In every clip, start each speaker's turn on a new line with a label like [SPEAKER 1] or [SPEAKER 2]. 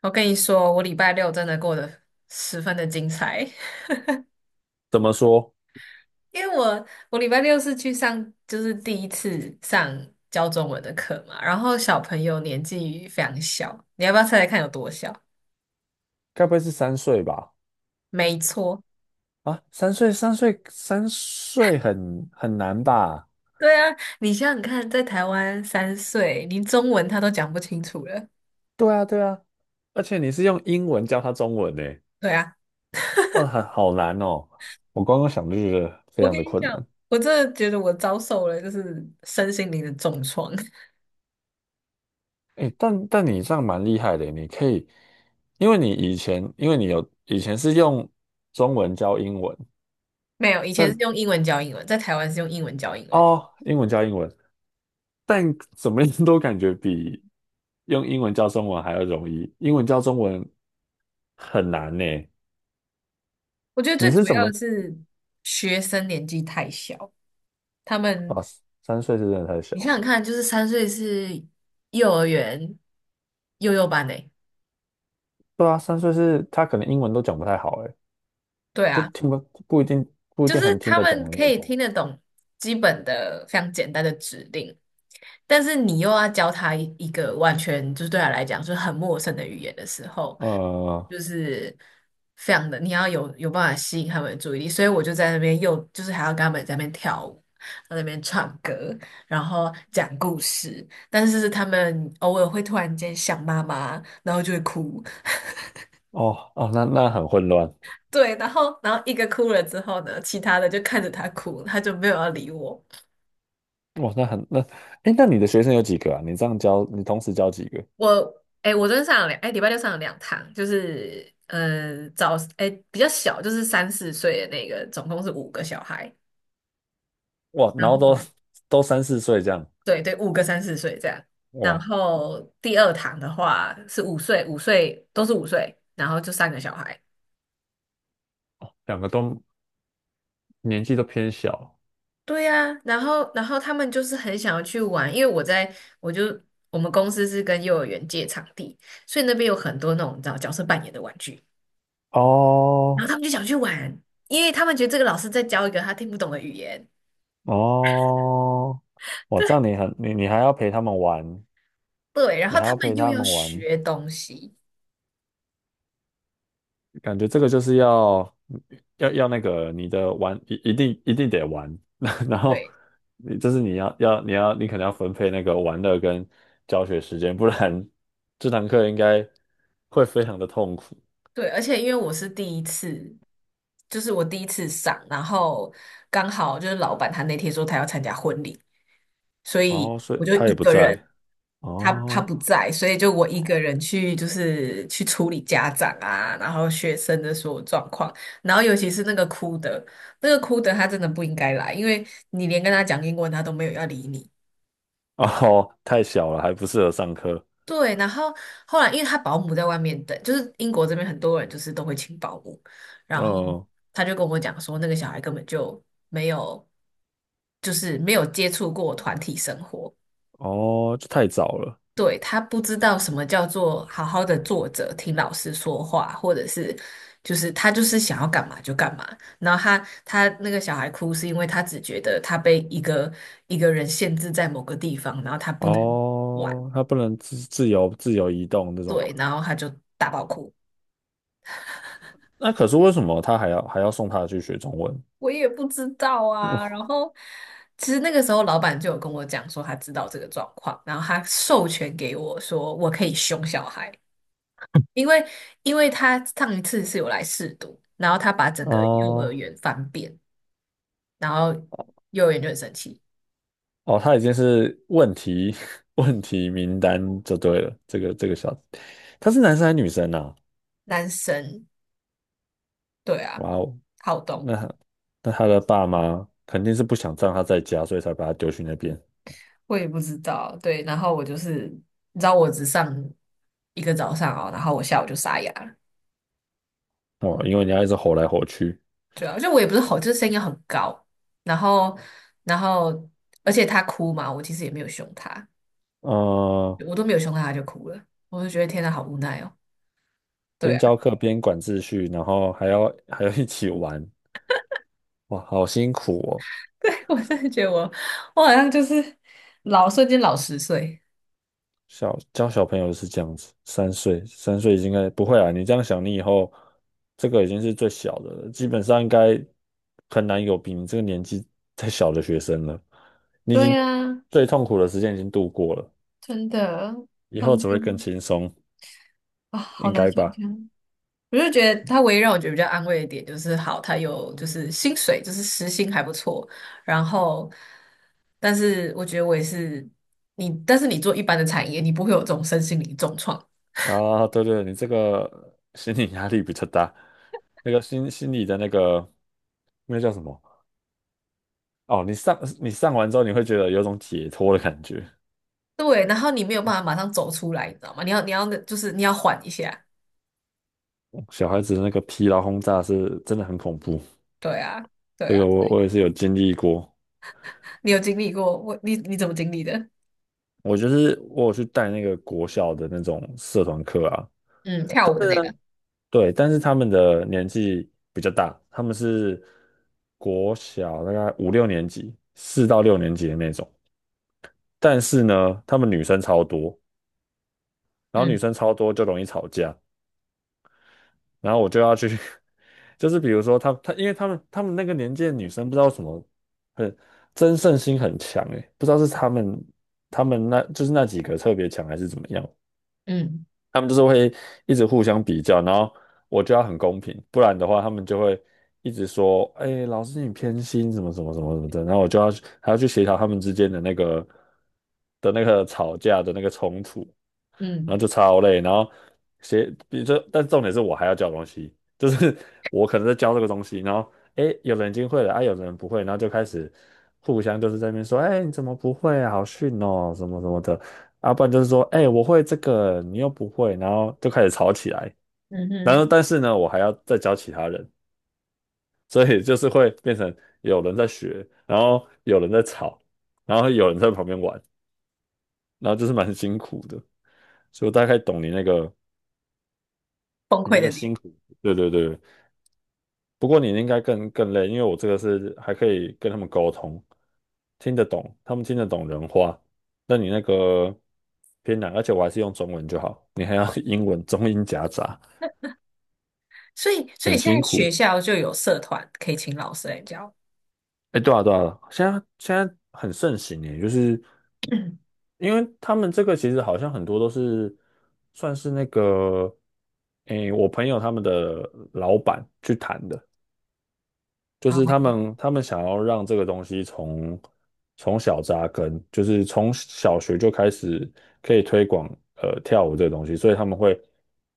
[SPEAKER 1] 我跟你说，我礼拜六真的过得十分的精彩。
[SPEAKER 2] 怎么说？
[SPEAKER 1] 因为我礼拜六是去上，就是第一次上教中文的课嘛。然后小朋友年纪非常小，你要不要猜猜看有多小？
[SPEAKER 2] 该不会是三岁吧？
[SPEAKER 1] 没错。
[SPEAKER 2] 啊，三岁，三岁，三岁很难吧？
[SPEAKER 1] 对啊，你想想看，在台湾三岁，连中文他都讲不清楚了。
[SPEAKER 2] 对啊，对啊，而且你是用英文教他中文呢，
[SPEAKER 1] 对啊，
[SPEAKER 2] 哇，很好难哦。我刚刚想就觉得非
[SPEAKER 1] 我
[SPEAKER 2] 常
[SPEAKER 1] 跟
[SPEAKER 2] 的
[SPEAKER 1] 你
[SPEAKER 2] 困
[SPEAKER 1] 讲，
[SPEAKER 2] 难。
[SPEAKER 1] 我真的觉得我遭受了就是身心灵的重创。
[SPEAKER 2] 诶，但你这样蛮厉害的，你可以，因为你以前，因为你有以前是用中文教英文，
[SPEAKER 1] 没有，以前是
[SPEAKER 2] 但
[SPEAKER 1] 用英文教英文，在台湾是用英文教英文。
[SPEAKER 2] 哦，英文教英文，但怎么样都感觉比用英文教中文还要容易，英文教中文很难呢。
[SPEAKER 1] 我觉得最
[SPEAKER 2] 你是
[SPEAKER 1] 主
[SPEAKER 2] 怎
[SPEAKER 1] 要的
[SPEAKER 2] 么？
[SPEAKER 1] 是学生年纪太小，他
[SPEAKER 2] 啊？
[SPEAKER 1] 们
[SPEAKER 2] 三岁是真的太
[SPEAKER 1] 你想
[SPEAKER 2] 小，
[SPEAKER 1] 想看，就是三岁是幼儿园幼幼班诶。
[SPEAKER 2] 对啊，三岁是他可能英文都讲不太好，哎，
[SPEAKER 1] 对
[SPEAKER 2] 就
[SPEAKER 1] 啊，
[SPEAKER 2] 听不不一定不一
[SPEAKER 1] 就
[SPEAKER 2] 定
[SPEAKER 1] 是
[SPEAKER 2] 很听
[SPEAKER 1] 他
[SPEAKER 2] 得懂
[SPEAKER 1] 们
[SPEAKER 2] 的
[SPEAKER 1] 可
[SPEAKER 2] 那
[SPEAKER 1] 以
[SPEAKER 2] 种。
[SPEAKER 1] 听得懂基本的非常简单的指令，但是你又要教他一个完全就是对他来讲就是很陌生的语言的时候，
[SPEAKER 2] 呃，
[SPEAKER 1] 就是非常的你要有办法吸引他们的注意力。所以我就在那边又就是还要跟他们在那边跳舞，在那边唱歌，然后讲故事，但是他们偶尔会突然间想妈妈，然后就会哭。
[SPEAKER 2] 哦哦，那很混乱，
[SPEAKER 1] 对，然后一个哭了之后呢，其他的就看着他哭，他就没有要理我。
[SPEAKER 2] 哇，那很那，哎，那你的学生有几个啊？你这样教，你同时教几个？
[SPEAKER 1] 我昨天上了两哎，礼拜六上了两堂，就是比较小，就是三四岁的那个，总共是五个小孩。
[SPEAKER 2] 哇，
[SPEAKER 1] 然
[SPEAKER 2] 然后都
[SPEAKER 1] 后
[SPEAKER 2] 都三四岁这样，
[SPEAKER 1] 对对，五个三四岁这样。然
[SPEAKER 2] 哇，
[SPEAKER 1] 后第二堂的话是五岁，五岁都是五岁，然后就三个小孩。
[SPEAKER 2] 两个都年纪都偏小。
[SPEAKER 1] 对呀，然后他们就是很想要去玩。因为我在我就我们公司是跟幼儿园借场地，所以那边有很多那种你知道角色扮演的玩具，然
[SPEAKER 2] 哦，
[SPEAKER 1] 后他们就想去玩，因为他们觉得这个老师在教一个他听不懂的语言。
[SPEAKER 2] 哦，哇，这样
[SPEAKER 1] 对。
[SPEAKER 2] 你很你你还要陪他们玩，
[SPEAKER 1] 对，然
[SPEAKER 2] 你
[SPEAKER 1] 后
[SPEAKER 2] 还
[SPEAKER 1] 他
[SPEAKER 2] 要陪
[SPEAKER 1] 们又
[SPEAKER 2] 他
[SPEAKER 1] 要
[SPEAKER 2] 们玩，
[SPEAKER 1] 学东西。
[SPEAKER 2] 感觉这个就是要那个你的玩一定得玩，然后
[SPEAKER 1] 对
[SPEAKER 2] 你这是你要要你要你可能要分配那个玩乐跟教学时间，不然这堂课应该会非常的痛苦。
[SPEAKER 1] 对，而且因为我是第一次，就是我第一次上。然后刚好就是老板他那天说他要参加婚礼，所以
[SPEAKER 2] 哦，所
[SPEAKER 1] 我
[SPEAKER 2] 以
[SPEAKER 1] 就
[SPEAKER 2] 他
[SPEAKER 1] 一
[SPEAKER 2] 也不
[SPEAKER 1] 个
[SPEAKER 2] 在。
[SPEAKER 1] 人，他
[SPEAKER 2] 哦
[SPEAKER 1] 不在，所以就我一个人去就是去处理家长啊，然后学生的所有状况。然后尤其是那个哭的，那个哭的他真的不应该来，因为你连跟他讲英文他都没有要理你。
[SPEAKER 2] 哦，太小了，还不适合上课。
[SPEAKER 1] 对，然后后来因为他保姆在外面等，就是英国这边很多人就是都会请保姆，然后
[SPEAKER 2] 嗯，
[SPEAKER 1] 他就跟我讲说，那个小孩根本就没有，就是没有接触过团体生活。
[SPEAKER 2] 哦，这太早了。
[SPEAKER 1] 对，他不知道什么叫做好好的坐着听老师说话，或者是就是他就是想要干嘛就干嘛。然后他那个小孩哭是因为他只觉得他被一个人限制在某个地方，然后他不能玩。
[SPEAKER 2] 哦，他不能自由移动这种。
[SPEAKER 1] 对，然后他就大爆哭。
[SPEAKER 2] 那可是为什么他还要送他去学中文？
[SPEAKER 1] 我也不知道啊。然 后其实那个时候老板就有跟我讲说他知道这个状况，然后他授权给我说我可以凶小孩。因为他上一次是有来试读，然后他把整个幼儿
[SPEAKER 2] 哦
[SPEAKER 1] 园翻遍，然后幼儿园就很生气。
[SPEAKER 2] 哦，他已经是问题 问题名单就对了。这个小子他是男生还是女生啊？
[SPEAKER 1] 男生对啊，
[SPEAKER 2] 哇哦，
[SPEAKER 1] 好动。
[SPEAKER 2] 那他的爸妈肯定是不想让他在家，所以才把他丢去那边
[SPEAKER 1] 我也不知道，对。然后我就是你知道我只上一个早上哦，然后我下午就牙了。
[SPEAKER 2] 哦。因为你要一直吼来吼去，
[SPEAKER 1] 对啊，就我也不是吼，就是声音很高。然后，然后，而且他哭嘛，我其实也没有凶他，
[SPEAKER 2] 嗯，
[SPEAKER 1] 我都没有凶他，他就哭了，我就觉得天哪，好无奈哦。对
[SPEAKER 2] 边
[SPEAKER 1] 啊，
[SPEAKER 2] 教课边管秩序，然后还要一起玩，哇，好辛苦哦。
[SPEAKER 1] 对，我真的觉得我，我好像就是老瞬间老十岁。
[SPEAKER 2] 小教小朋友是这样子，三岁，三岁应该不会啊。你这样想，你以后这个已经是最小的了，基本上应该很难有比你这个年纪再小的学生了。你已
[SPEAKER 1] 对
[SPEAKER 2] 经
[SPEAKER 1] 呀，
[SPEAKER 2] 最痛苦的时间已经度过了，
[SPEAKER 1] 真的，
[SPEAKER 2] 以
[SPEAKER 1] 他
[SPEAKER 2] 后
[SPEAKER 1] 们
[SPEAKER 2] 只
[SPEAKER 1] 就
[SPEAKER 2] 会更轻松，
[SPEAKER 1] 啊，好
[SPEAKER 2] 应
[SPEAKER 1] 难
[SPEAKER 2] 该
[SPEAKER 1] 想
[SPEAKER 2] 吧？
[SPEAKER 1] 象。我就觉得他唯一让我觉得比较安慰的点就是，好，他有就是薪水，就是时薪还不错。然后，但是我觉得我也是你，但是你做一般的产业，你不会有这种身心灵重创。
[SPEAKER 2] 啊，对对，你这个心理压力比较大，那个心理的那个那叫什么？哦，你上你上完之后，你会觉得有种解脱的感觉。
[SPEAKER 1] 对，然后你没有办法马上走出来，你知道吗？你要就是你要缓一下。
[SPEAKER 2] 小孩子的那个疲劳轰炸是真的很恐怖。
[SPEAKER 1] 对啊，对
[SPEAKER 2] 这
[SPEAKER 1] 啊，
[SPEAKER 2] 个我也是有经历过，
[SPEAKER 1] 你有经历过？你你怎么经历的？
[SPEAKER 2] 我就是我有去带那个国小的那种社团课啊，
[SPEAKER 1] 嗯，跳舞的那个。
[SPEAKER 2] 对，但是他们的年纪比较大，他们是国小大概五六年级，四到六年级的那种，但是呢，他们女生超多，然后女
[SPEAKER 1] 嗯
[SPEAKER 2] 生超多就容易吵架，然后我就要去，就是比如说他，因为他们那个年纪的女生不知道什么争胜心很强诶，不知道是他们那就是那几个特别强还是怎么样。
[SPEAKER 1] 嗯
[SPEAKER 2] 他们就是会一直互相比较，然后我就要很公平，不然的话他们就会一直说，哎，老师你偏心什么什么什么什么的，然后我就要还要去协调他们之间的那个的那个吵架的那个冲突。然
[SPEAKER 1] 嗯，
[SPEAKER 2] 后就超累，然后写，比如说，但重点是我还要教东西，就是 我可能在教这个东西，然后诶，有人已经会了啊，有人不会，然后就开始互相就是在那边说，哎，你怎么不会啊？好逊哦，什么什么的，啊，不然就是说，哎，我会这个，你又不会，然后就开始吵起来，
[SPEAKER 1] 嗯
[SPEAKER 2] 然
[SPEAKER 1] 哼，
[SPEAKER 2] 后但是呢，我还要再教其他人，所以就是会变成有人在学，然后有人在吵，然后有人在旁边玩，然后就是蛮辛苦的，所以我大概懂你那个。
[SPEAKER 1] 崩
[SPEAKER 2] 你
[SPEAKER 1] 溃
[SPEAKER 2] 那
[SPEAKER 1] 的
[SPEAKER 2] 个
[SPEAKER 1] 点。
[SPEAKER 2] 辛苦，对对对。不过你应该更累，因为我这个是还可以跟他们沟通，听得懂，他们听得懂人话。那你那个偏难，而且我还是用中文就好，你还要 英文中英夹杂，
[SPEAKER 1] 所以
[SPEAKER 2] 很
[SPEAKER 1] 现
[SPEAKER 2] 辛
[SPEAKER 1] 在学
[SPEAKER 2] 苦。
[SPEAKER 1] 校就有社团可以请老师来教。
[SPEAKER 2] 哎，对啊对啊，现在很盛行耶，就是 因为他们这个其实好像很多都是算是那个，哎，我朋友他们的老板去谈的。就
[SPEAKER 1] 然
[SPEAKER 2] 是他
[SPEAKER 1] 后。
[SPEAKER 2] 们他们想要让这个东西从小扎根，就是从小学就开始可以推广跳舞这个东西，所以他们会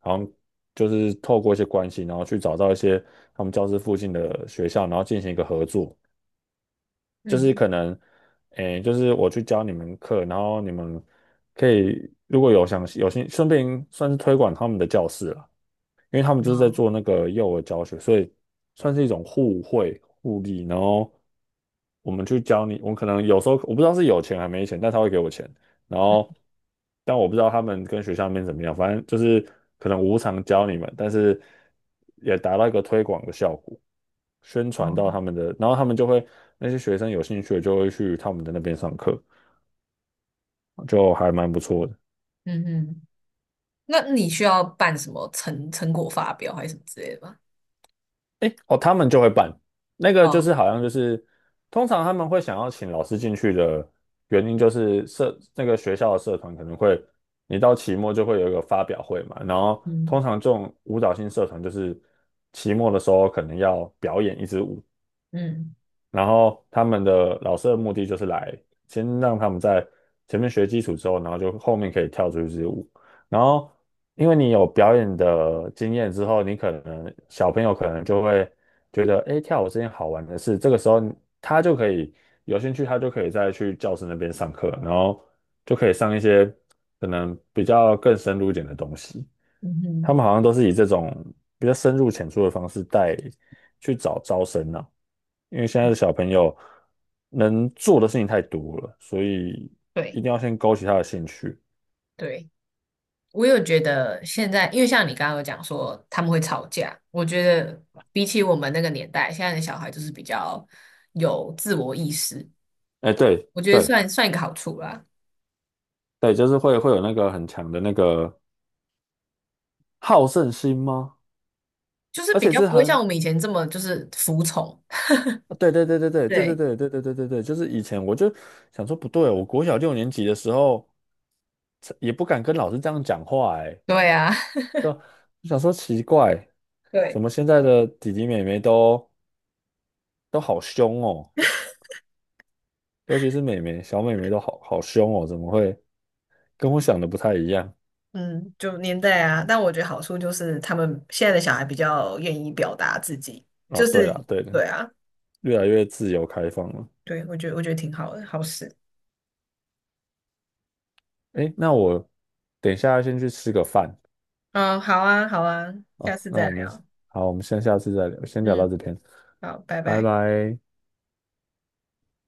[SPEAKER 2] 好像就是透过一些关系，然后去找到一些他们教室附近的学校，然后进行一个合作，就是
[SPEAKER 1] 嗯，
[SPEAKER 2] 可能诶，就是我去教你们课，然后你们可以如果有想有兴顺便算是推广他们的教室了。因为他们就是在
[SPEAKER 1] 哦
[SPEAKER 2] 做那个幼儿教学，所以算是一种互惠互利。然后我们去教你，我可能有时候我不知道是有钱还没钱，但他会给我钱。然后，但我不知道他们跟学校那边怎么样，反正就是可能无偿教你们，但是也达到一个推广的效果，宣传到他
[SPEAKER 1] 哦，
[SPEAKER 2] 们的，然后他们就会那些学生有兴趣的就会去他们的那边上课，就还蛮不错的。
[SPEAKER 1] 嗯嗯，那你需要办什么成果发表还是什么之类的吗？
[SPEAKER 2] 诶，哦，他们就会办那个，就
[SPEAKER 1] 哦，
[SPEAKER 2] 是好像就是，通常他们会想要请老师进去的原因，就是社那个学校的社团可能会，你到期末就会有一个发表会嘛，然后
[SPEAKER 1] 嗯
[SPEAKER 2] 通常这种舞蹈性社团就是期末的时候可能要表演一支舞，
[SPEAKER 1] 嗯，
[SPEAKER 2] 然后他们的老师的目的就是来先让他们在前面学基础之后，然后就后面可以跳出去支舞。然后因为你有表演的经验之后，你可能小朋友可能就会觉得，哎，跳舞是件好玩的事。这个时候他就可以有兴趣，他就可以再去教室那边上课，然后就可以上一些可能比较更深入一点的东西。
[SPEAKER 1] 嗯
[SPEAKER 2] 他
[SPEAKER 1] 哼，
[SPEAKER 2] 们好像都是以这种比较深入浅出的方式带去找招生啊。因为现在的小朋友能做的事情太多了，所以
[SPEAKER 1] 对
[SPEAKER 2] 一定要先勾起他的兴趣。
[SPEAKER 1] 对，我有觉得现在，因为像你刚刚有讲说他们会吵架，我觉得比起我们那个年代，现在的小孩就是比较有自我意识。
[SPEAKER 2] 哎，对
[SPEAKER 1] 我觉得
[SPEAKER 2] 对
[SPEAKER 1] 算一个好处啦，
[SPEAKER 2] 对，就是会有那个很强的那个好胜心吗？
[SPEAKER 1] 就是
[SPEAKER 2] 而
[SPEAKER 1] 比
[SPEAKER 2] 且
[SPEAKER 1] 较
[SPEAKER 2] 是
[SPEAKER 1] 不会像
[SPEAKER 2] 很，
[SPEAKER 1] 我们以前这么就是服从。
[SPEAKER 2] 对对对对对对对对
[SPEAKER 1] 对，
[SPEAKER 2] 对对对对对，就是以前我就想说不对，我国小六年级的时候也不敢跟老师这样讲话，哎，
[SPEAKER 1] 对啊，
[SPEAKER 2] 就想说奇怪，怎
[SPEAKER 1] 对。
[SPEAKER 2] 么现在的弟弟妹妹都好凶哦，尤其是妹妹，小妹妹都好好凶哦，怎么会？跟我想的不太一样
[SPEAKER 1] 嗯，就年代啊，但我觉得好处就是他们现在的小孩比较愿意表达自己，
[SPEAKER 2] 啊。
[SPEAKER 1] 就
[SPEAKER 2] 对
[SPEAKER 1] 是
[SPEAKER 2] 了，对了，
[SPEAKER 1] 对啊。
[SPEAKER 2] 越来越自由开放了。
[SPEAKER 1] 对，我觉得我觉得挺好的，好事。
[SPEAKER 2] 诶，那我等一下先去吃个饭
[SPEAKER 1] 嗯，好啊，好啊，下
[SPEAKER 2] 啊。
[SPEAKER 1] 次
[SPEAKER 2] 那
[SPEAKER 1] 再
[SPEAKER 2] 我们
[SPEAKER 1] 聊。
[SPEAKER 2] 好，我们先下次再聊，先聊到
[SPEAKER 1] 嗯，
[SPEAKER 2] 这边，
[SPEAKER 1] 好，拜
[SPEAKER 2] 拜
[SPEAKER 1] 拜。
[SPEAKER 2] 拜。